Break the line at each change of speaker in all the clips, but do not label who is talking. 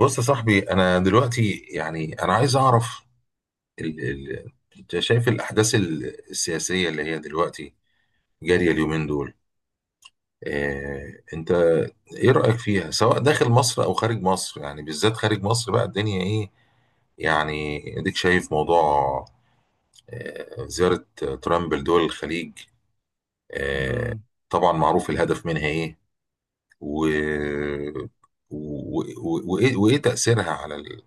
بص يا صاحبي، انا دلوقتي يعني انا عايز اعرف ال... ال... انت شايف الاحداث السياسيه اللي هي دلوقتي جاريه اليومين دول. انت ايه رايك فيها، سواء داخل مصر او خارج مصر، يعني بالذات خارج مصر بقى الدنيا ايه؟ يعني اديك شايف موضوع زياره ترامب لدول الخليج. آه...
امم
طبعا معروف الهدف منها ايه، و... و... وايه تاثيرها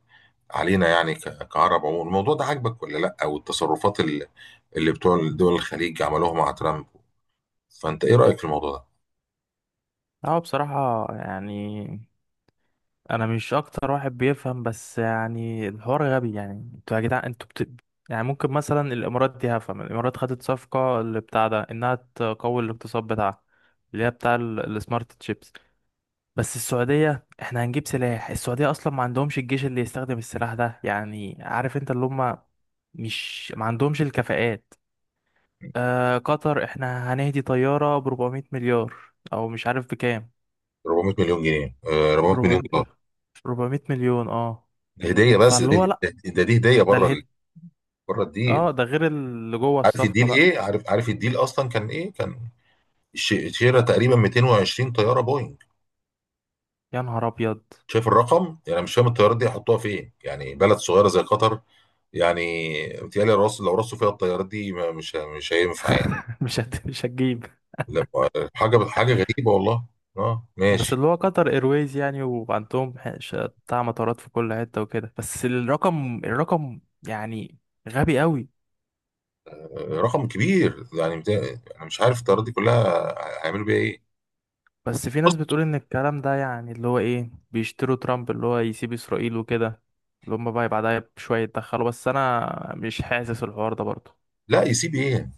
علينا، يعني كعرب عموما. الموضوع ده عاجبك ولا لا؟ او التصرفات اللي بتوع دول الخليج عملوها مع ترامب، فانت ايه رايك في الموضوع ده؟
اه بصراحة يعني انا مش اكتر واحد بيفهم، بس يعني الحوار غبي. يعني انتوا يا جدعان يعني ممكن مثلا الامارات دي. هفهم الامارات خدت صفقة اللي بتاع ده انها تقوي الاقتصاد بتاعها، اللي هي بتاع السمارت تشيبس. بس السعودية احنا هنجيب سلاح؟ السعودية اصلا ما عندهمش الجيش اللي يستخدم السلاح ده. يعني عارف انت اللي هم مش ما عندهمش الكفاءات. قطر احنا هنهدي طيارة ب 400 مليار، او مش عارف
400 مليون جنيه، 400 مليون
بكام.
دولار.
400 مليون، اه.
ده هديه، بس ده
فاللي هو
دي
لا
ده ده دي هديه
ده
بره
الهيد.
بره الديل.
اه ده غير اللي جوه
عارف الديل
الصفقة بقى.
ايه؟ عارف الديل اصلا كان ايه؟ كان شراء تقريبا 220 طياره بوينج.
يا نهار ابيض!
شايف الرقم؟ يعني أنا مش فاهم الطيارات دي هيحطوها فين، يعني بلد صغيره زي قطر يعني. متهيألي رص، لو رصوا فيها الطيارات دي مش هينفع يعني.
مش هتجيب.
لا، حاجه غريبه والله. اه
بس
ماشي.
اللي هو قطر ايرويز يعني، وعندهم بتاع مطارات في كل حتة وكده، بس الرقم، الرقم يعني غبي قوي.
رقم كبير يعني، انا مش عارف الطيارات دي كلها هيعملوا بيها ايه.
بس في ناس
بص.
بتقول ان الكلام ده يعني اللي هو ايه، بيشتروا ترامب، اللي هو يسيب اسرائيل وكده، اللي هم بقى بعدها بشوية يتدخلوا، بس انا مش حاسس الحوار ده برضه.
لا يسيب ايه؟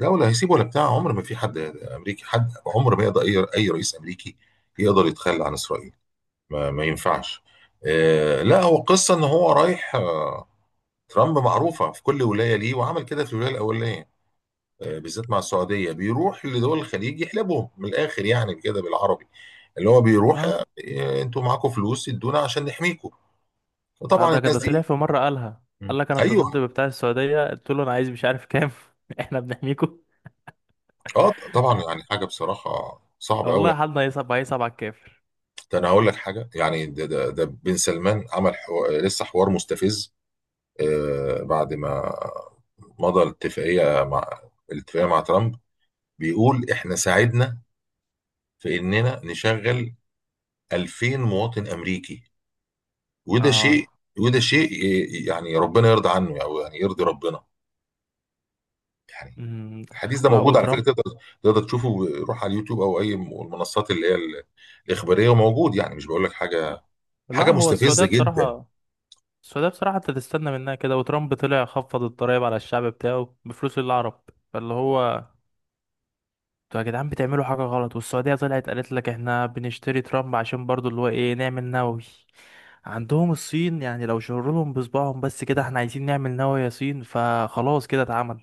لا، ولا هيسيب ولا بتاع. عمر ما في حد امريكي، حد عمر ما يقدر، اي اي رئيس امريكي يقدر يتخلى عن اسرائيل. ما ينفعش. لا، هو قصه ان هو رايح. ترامب معروفه في كل ولايه ليه، وعمل كده في الولايه الاولانيه. بالذات مع السعوديه بيروح لدول الخليج يحلبهم من الاخر، يعني كده بالعربي اللي هو بيروح: إيه، انتوا معاكم فلوس؟ ادونا عشان نحميكم.
اه
وطبعا
ده
الناس
كده طلع
دي.
في مرة قالها.
مم.
قال لك انا اتصلت
ايوه.
ببتاع السعودية، قلت له انا عايز مش عارف كام احنا بنحميكوا.
اه طبعا، يعني حاجه بصراحه صعبه قوي.
والله حالنا هيصعب على الكافر.
ده انا هقول لك حاجه، يعني ده بن سلمان عمل لسه حوار مستفز. بعد ما مضى الاتفاقيه مع ترامب، بيقول احنا ساعدنا في اننا نشغل 2000 مواطن امريكي. وده
اه.
شيء وده شيء يعني ربنا يرضى عنه، او يعني يرضي ربنا يعني.
امم
الحديث ده
لا
موجود على فكره،
وترامب.
تقدر تشوفه. روح على اليوتيوب او اي المنصات اللي هي الاخباريه، وموجود. يعني مش بقول لك حاجه،
لا
حاجه
هو السعودية
مستفزه جدا.
بصراحة. السعودية بصراحة انت تستنى منها كده. وترامب طلع خفض الضرايب على الشعب بتاعه بفلوس للعرب. فاللي هو انتوا يا جدعان بتعملوا حاجة غلط، والسعودية طلعت قالت لك احنا بنشتري ترامب عشان برضو اللي هو ايه نعمل نووي. عندهم الصين يعني، لو شروا لهم بصبعهم بس كده احنا عايزين نعمل نووي يا صين، فخلاص كده اتعمل.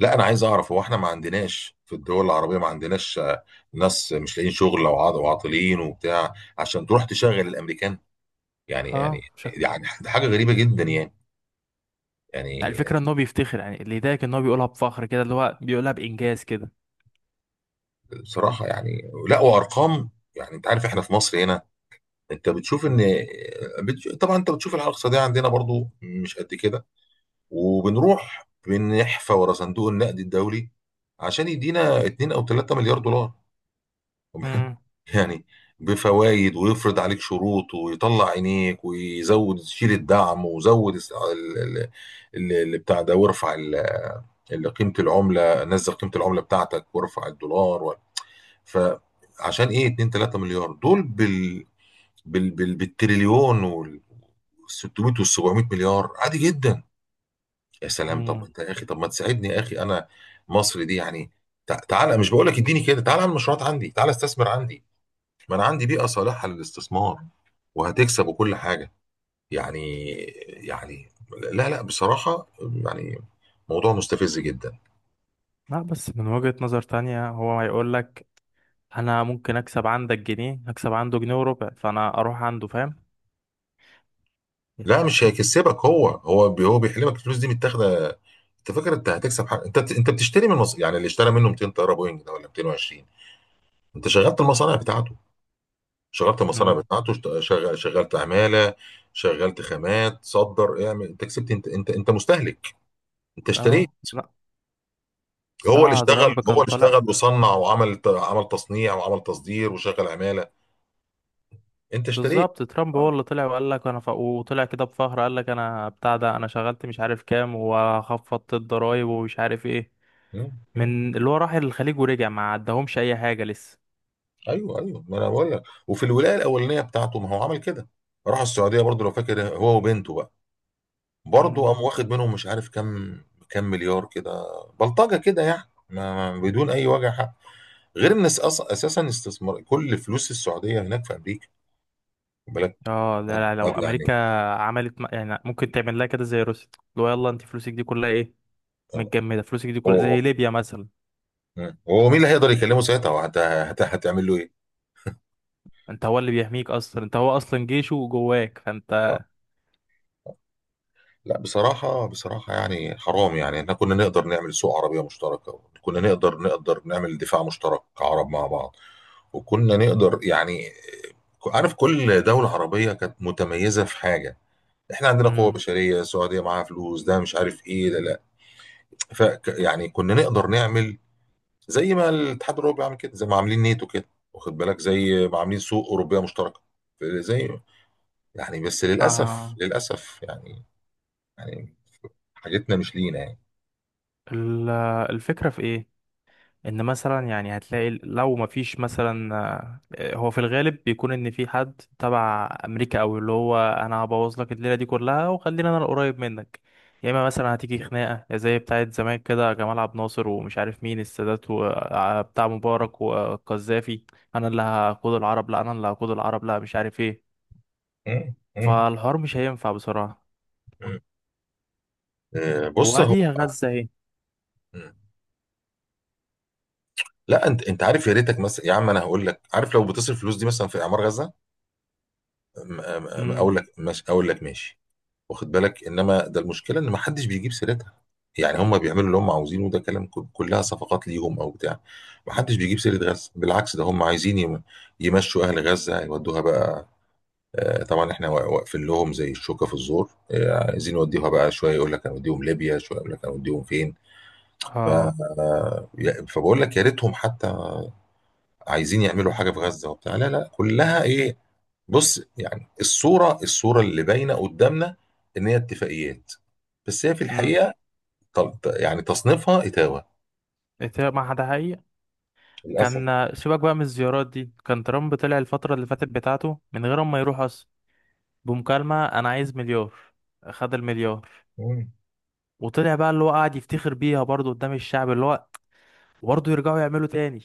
لا، انا عايز اعرف، هو احنا ما عندناش في الدول العربيه، ما عندناش ناس مش لاقيين شغل، او وعاطلين وبتاع عشان تروح تشغل الامريكان؟ يعني يعني
اه مش ه-
يعني ده حاجه غريبه جدا يعني. يعني
الفكرة ان هو بيفتخر، يعني اللي يضايقك ان هو بيقولها بفخر كده، اللي هو بيقولها بإنجاز كده.
بصراحه يعني، لا، وارقام. يعني انت عارف احنا في مصر هنا، انت بتشوف ان، طبعا انت بتشوف الحاله الاقتصاديه عندنا برضو مش قد كده، وبنروح بنحفى ورا صندوق النقد الدولي عشان يدينا 2 او 3 مليار دولار.
امم
يعني بفوائد، ويفرض عليك شروط، ويطلع عينيك، ويزود، شيل الدعم، وزود اللي بتاع ده، وارفع اللي قيمة العملة، نزل قيمة العملة بتاعتك وارفع الدولار. فعشان ايه؟ 2 3 مليار دول بالتريليون، وال 600 وال 700 مليار عادي جدا. يا سلام، طب
امم
انت يا اخي، طب ما تساعدني يا اخي، انا مصر دي يعني. تعالى، مش بقول لك اديني، كده تعالى على المشروعات عندي، تعالى استثمر عندي، ما انا عندي بيئه صالحه للاستثمار، وهتكسب وكل حاجه يعني. يعني لا لا، بصراحه يعني موضوع مستفز جدا.
لا بس من وجهة نظر تانية هو هيقول لك انا ممكن اكسب عندك جنيه، اكسب عنده جنيه وربع، فانا اروح عنده، فاهم
لا،
يا.
مش هيكسبك، هو هو بيحلمك، الفلوس دي متاخده. انت فاكر انت هتكسب حاجه؟ انت بتشتري من مصر يعني؟ اللي اشترى منه 200 طياره بوينج ده ولا 220. انت شغلت المصانع بتاعته،
امم
شغلت عماله، شغلت خامات، صدر، اعمل. انت كسبت؟ انت مستهلك، انت اشتريت.
اه لا
هو اللي
بتاع
اشتغل،
ترامب
هو
كان
اللي
طالع.
اشتغل وصنع وعمل ت- عمل تصنيع وعمل تصدير وشغل عماله. انت اشتريت.
بالظبط ترامب هو
آه.
اللي طلع وقال لك وطلع كده بفخر، قال لك انا بتاع ده، انا شغلت مش عارف كام، وخفضت الضرايب ومش عارف ايه.
مم. مم.
من اللي هو راح الخليج ورجع ما عدهمش اي حاجه لسه.
ايوه ايوه، ما انا بقول لك، وفي الولايه الاولانيه بتاعته ما هو عمل كده. راح السعوديه برضه لو فاكر هو وبنته بقى، برضه
مم.
قام واخد منهم مش عارف كام، كام مليار كده، بلطجه كده يعني، بدون اي وجع حق. غير ان اساسا استثمار كل فلوس السعوديه هناك في امريكا، خد بالك.
اه لا، لو
طب
امريكا
يعني،
يعني ممكن تعمل لها كده زي روسيا. لو يلا انت فلوسك دي كلها ايه،
آه،
متجمده، فلوسك دي كلها
هو.
زي ليبيا مثلا.
مم. هو مين اللي هيقدر يكلمه ساعتها؟ وهت- هت- هتعمل له ايه؟
انت هو اللي بيحميك اصلا، انت هو اصلا جيشه جواك
آه.
فانت.
لا، بصراحه يعني حرام، يعني احنا كنا نقدر نعمل سوق عربيه مشتركه، كنا نقدر، نعمل دفاع مشترك كعرب مع بعض، وكنا نقدر يعني، عارف، كل دوله عربيه كانت متميزه في حاجه، احنا عندنا قوة
مم.
بشرية، السعودية معاها فلوس، ده مش عارف ايه ده، لا. ف يعني كنا نقدر نعمل زي ما الاتحاد الاوروبي عامل كده، زي ما عاملين نيتو كده، واخد بالك، زي ما عاملين سوق اوروبيه مشتركه زي. يعني بس للاسف
آه.
للاسف يعني، يعني حاجتنا مش لينا يعني.
ال- الفكره في ايه؟ ان مثلا يعني هتلاقي لو مفيش مثلا آه، هو في الغالب بيكون ان في حد تبع امريكا، او اللي هو انا هبوظ لك الليله دي كلها وخلينا انا القريب منك، يا اما مثلا هتيجي خناقه زي بتاعه زمان كده، جمال عبد الناصر ومش عارف مين، السادات وبتاع مبارك والقذافي، انا اللي هقود العرب، لا انا اللي هقود العرب، لا مش عارف ايه.
مم. مم.
فالحوار مش هينفع بصراحه.
مم. بص هو.
وبعديها غزه ايه؟
مم. لا، انت، انت عارف، يا ريتك مثلا يا عم، انا هقول لك، عارف، لو بتصرف الفلوس دي مثلا في اعمار غزه، اقول
امم
لك ماشي، اقول لك ماشي، واخد بالك. انما ده المشكله ان ما حدش بيجيب سيرتها، يعني هم بيعملوا اللي هم عاوزينه، وده كلام كلها صفقات ليهم او بتاع. ما حدش بيجيب سيره غزه، بالعكس، ده هم عايزين يمشوا اهل غزه، يودوها بقى. طبعا احنا واقفين لهم زي الشوكه في الزور. عايزين يوديوها بقى، شويه يقول لك هنوديهم ليبيا، شويه يقول لك هنوديهم فين.
اه
فبقول لك يا ريتهم حتى عايزين يعملوا
امم
حاجه في غزه وبتاع، لا لا، كلها
آه.
ايه. بص، يعني الصوره، الصوره اللي باينه قدامنا ان هي اتفاقيات، بس هي في
مم.
الحقيقه يعني تصنيفها اتاوه
ما ده حقيقي.
للاسف.
كان سيبك بقى من الزيارات دي، كان ترامب طلع الفترة اللي فاتت بتاعته من غير ما يروح أصلا، بمكالمة: أنا عايز مليار، خد المليار.
مم.
وطلع بقى اللي هو قاعد يفتخر بيها برضه قدام الشعب، اللي هو برضه يرجعوا يعملوا تاني.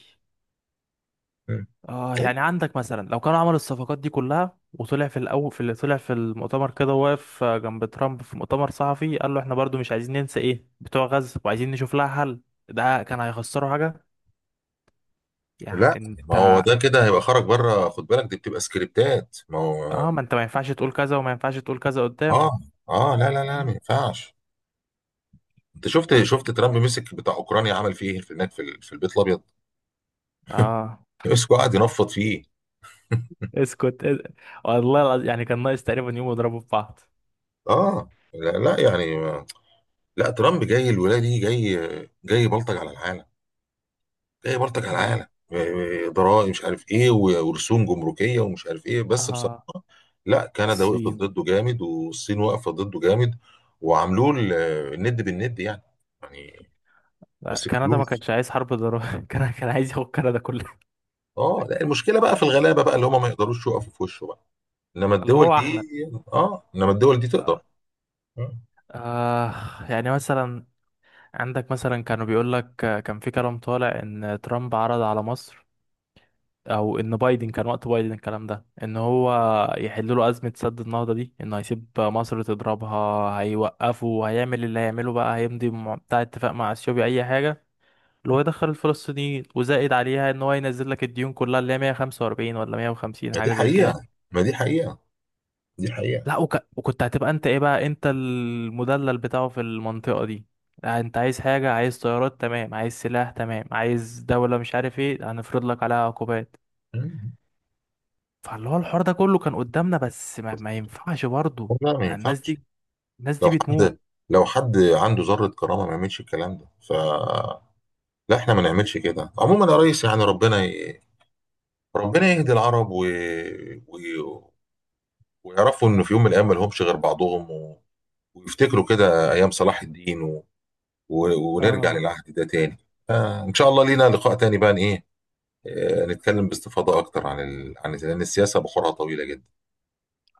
مم.
اه.
طيب.
يعني عندك مثلا لو كانوا عملوا الصفقات دي كلها وطلع في الأول في اللي طلع في المؤتمر كده، واقف جنب ترامب في مؤتمر صحفي قال له احنا برضه مش عايزين ننسى ايه بتوع غزة، وعايزين نشوف لها حل، ده كان هيخسروا حاجة؟ يعني
لا، ما
انت.
هو ده كده هيبقى خرج بره خد بالك، دي بتبقى سكريبتات، ما هو.
اه ما انت ما ينفعش تقول كذا وما ينفعش تقول كذا
اه.
قدامه.
اه لا لا لا،
مم.
ما ينفعش. انت شفت، ترامب مسك بتاع اوكرانيا عمل فيه ايه في هناك، في البيت الابيض؟
اه.
مسكه، قعد ينفض فيه.
اسكت اس- والله العظيم يعني كان ناقص تقريبا يوم يضربوا في بعض.
اه، لا, لا يعني، لا، ترامب جاي الولايه دي، جاي، جاي بلطج على العالم، جاي بلطج على
مم.
العالم. ضرائب مش عارف ايه ورسوم جمركيه ومش عارف ايه، بس
اه.
بصراحه لا، كندا وقفت
الصين.
ضده جامد، والصين واقفه ضده جامد، وعاملوه الند بالند يعني. يعني
لا،
ماسك
كندا ما
فلوس.
كانش عايز حرب ضرورية كان عايز ياخد كندا كلها.
اه لا، المشكله بقى في الغلابه بقى، اللي
والله.
هم ما يقدروش يقفوا في وشه بقى، انما
اللي
الدول
هو
دي،
احنا.
اه، انما الدول دي تقدر.
آه.
مم.
آه. يعني مثلا عندك مثلا كانوا بيقول لك، كان في كلام طالع ان ترامب عرض على مصر، او ان بايدن كان، وقت بايدن الكلام ده، ان هو يحل له ازمه سد النهضه دي، انه هيسيب مصر تضربها، هيوقفوا، هيعمل اللي هيعمله بقى، بتاع اتفاق مع اثيوبيا اي حاجه، اللي هو يدخل الفلسطينيين، وزائد عليها ان هو ينزل لك الديون كلها اللي هي 145 ولا 150
ما دي
حاجه زي كده.
حقيقه، ما دي حقيقه، دي حقيقه.
لا وك... وكنت هتبقى انت ايه بقى، انت المدلل بتاعه في المنطقه دي. لا، انت عايز حاجه، عايز طيارات تمام، عايز سلاح تمام، عايز دوله مش عارف ايه هنفرض لك عليها عقوبات.
مم.
فاللي هو الحوار ده كله كان قدامنا، بس ما ينفعش برضه
لا، ما
مع الناس
ينفعش.
دي. الناس دي
لو حد
بتموت.
لو حد عنده ذرة كرامة ما يعملش الكلام ده. ف لا، احنا ما نعملش كده عموما يا ريس، يعني ربنا ربنا يهدي العرب، و... ويعرفوا انه في يوم من الايام ما لهمش غير بعضهم، ويفتكروا كده ايام صلاح الدين، و... ونرجع
اه.
للعهد ده تاني. ان شاء الله لينا لقاء تاني بقى ايه. نتكلم باستفاضة اكتر عن لان السياسة بحورها طويلة جدا.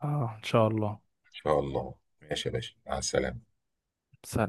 اه ان شاء الله.
ان شاء الله. ماشي يا باشا، مع السلامة.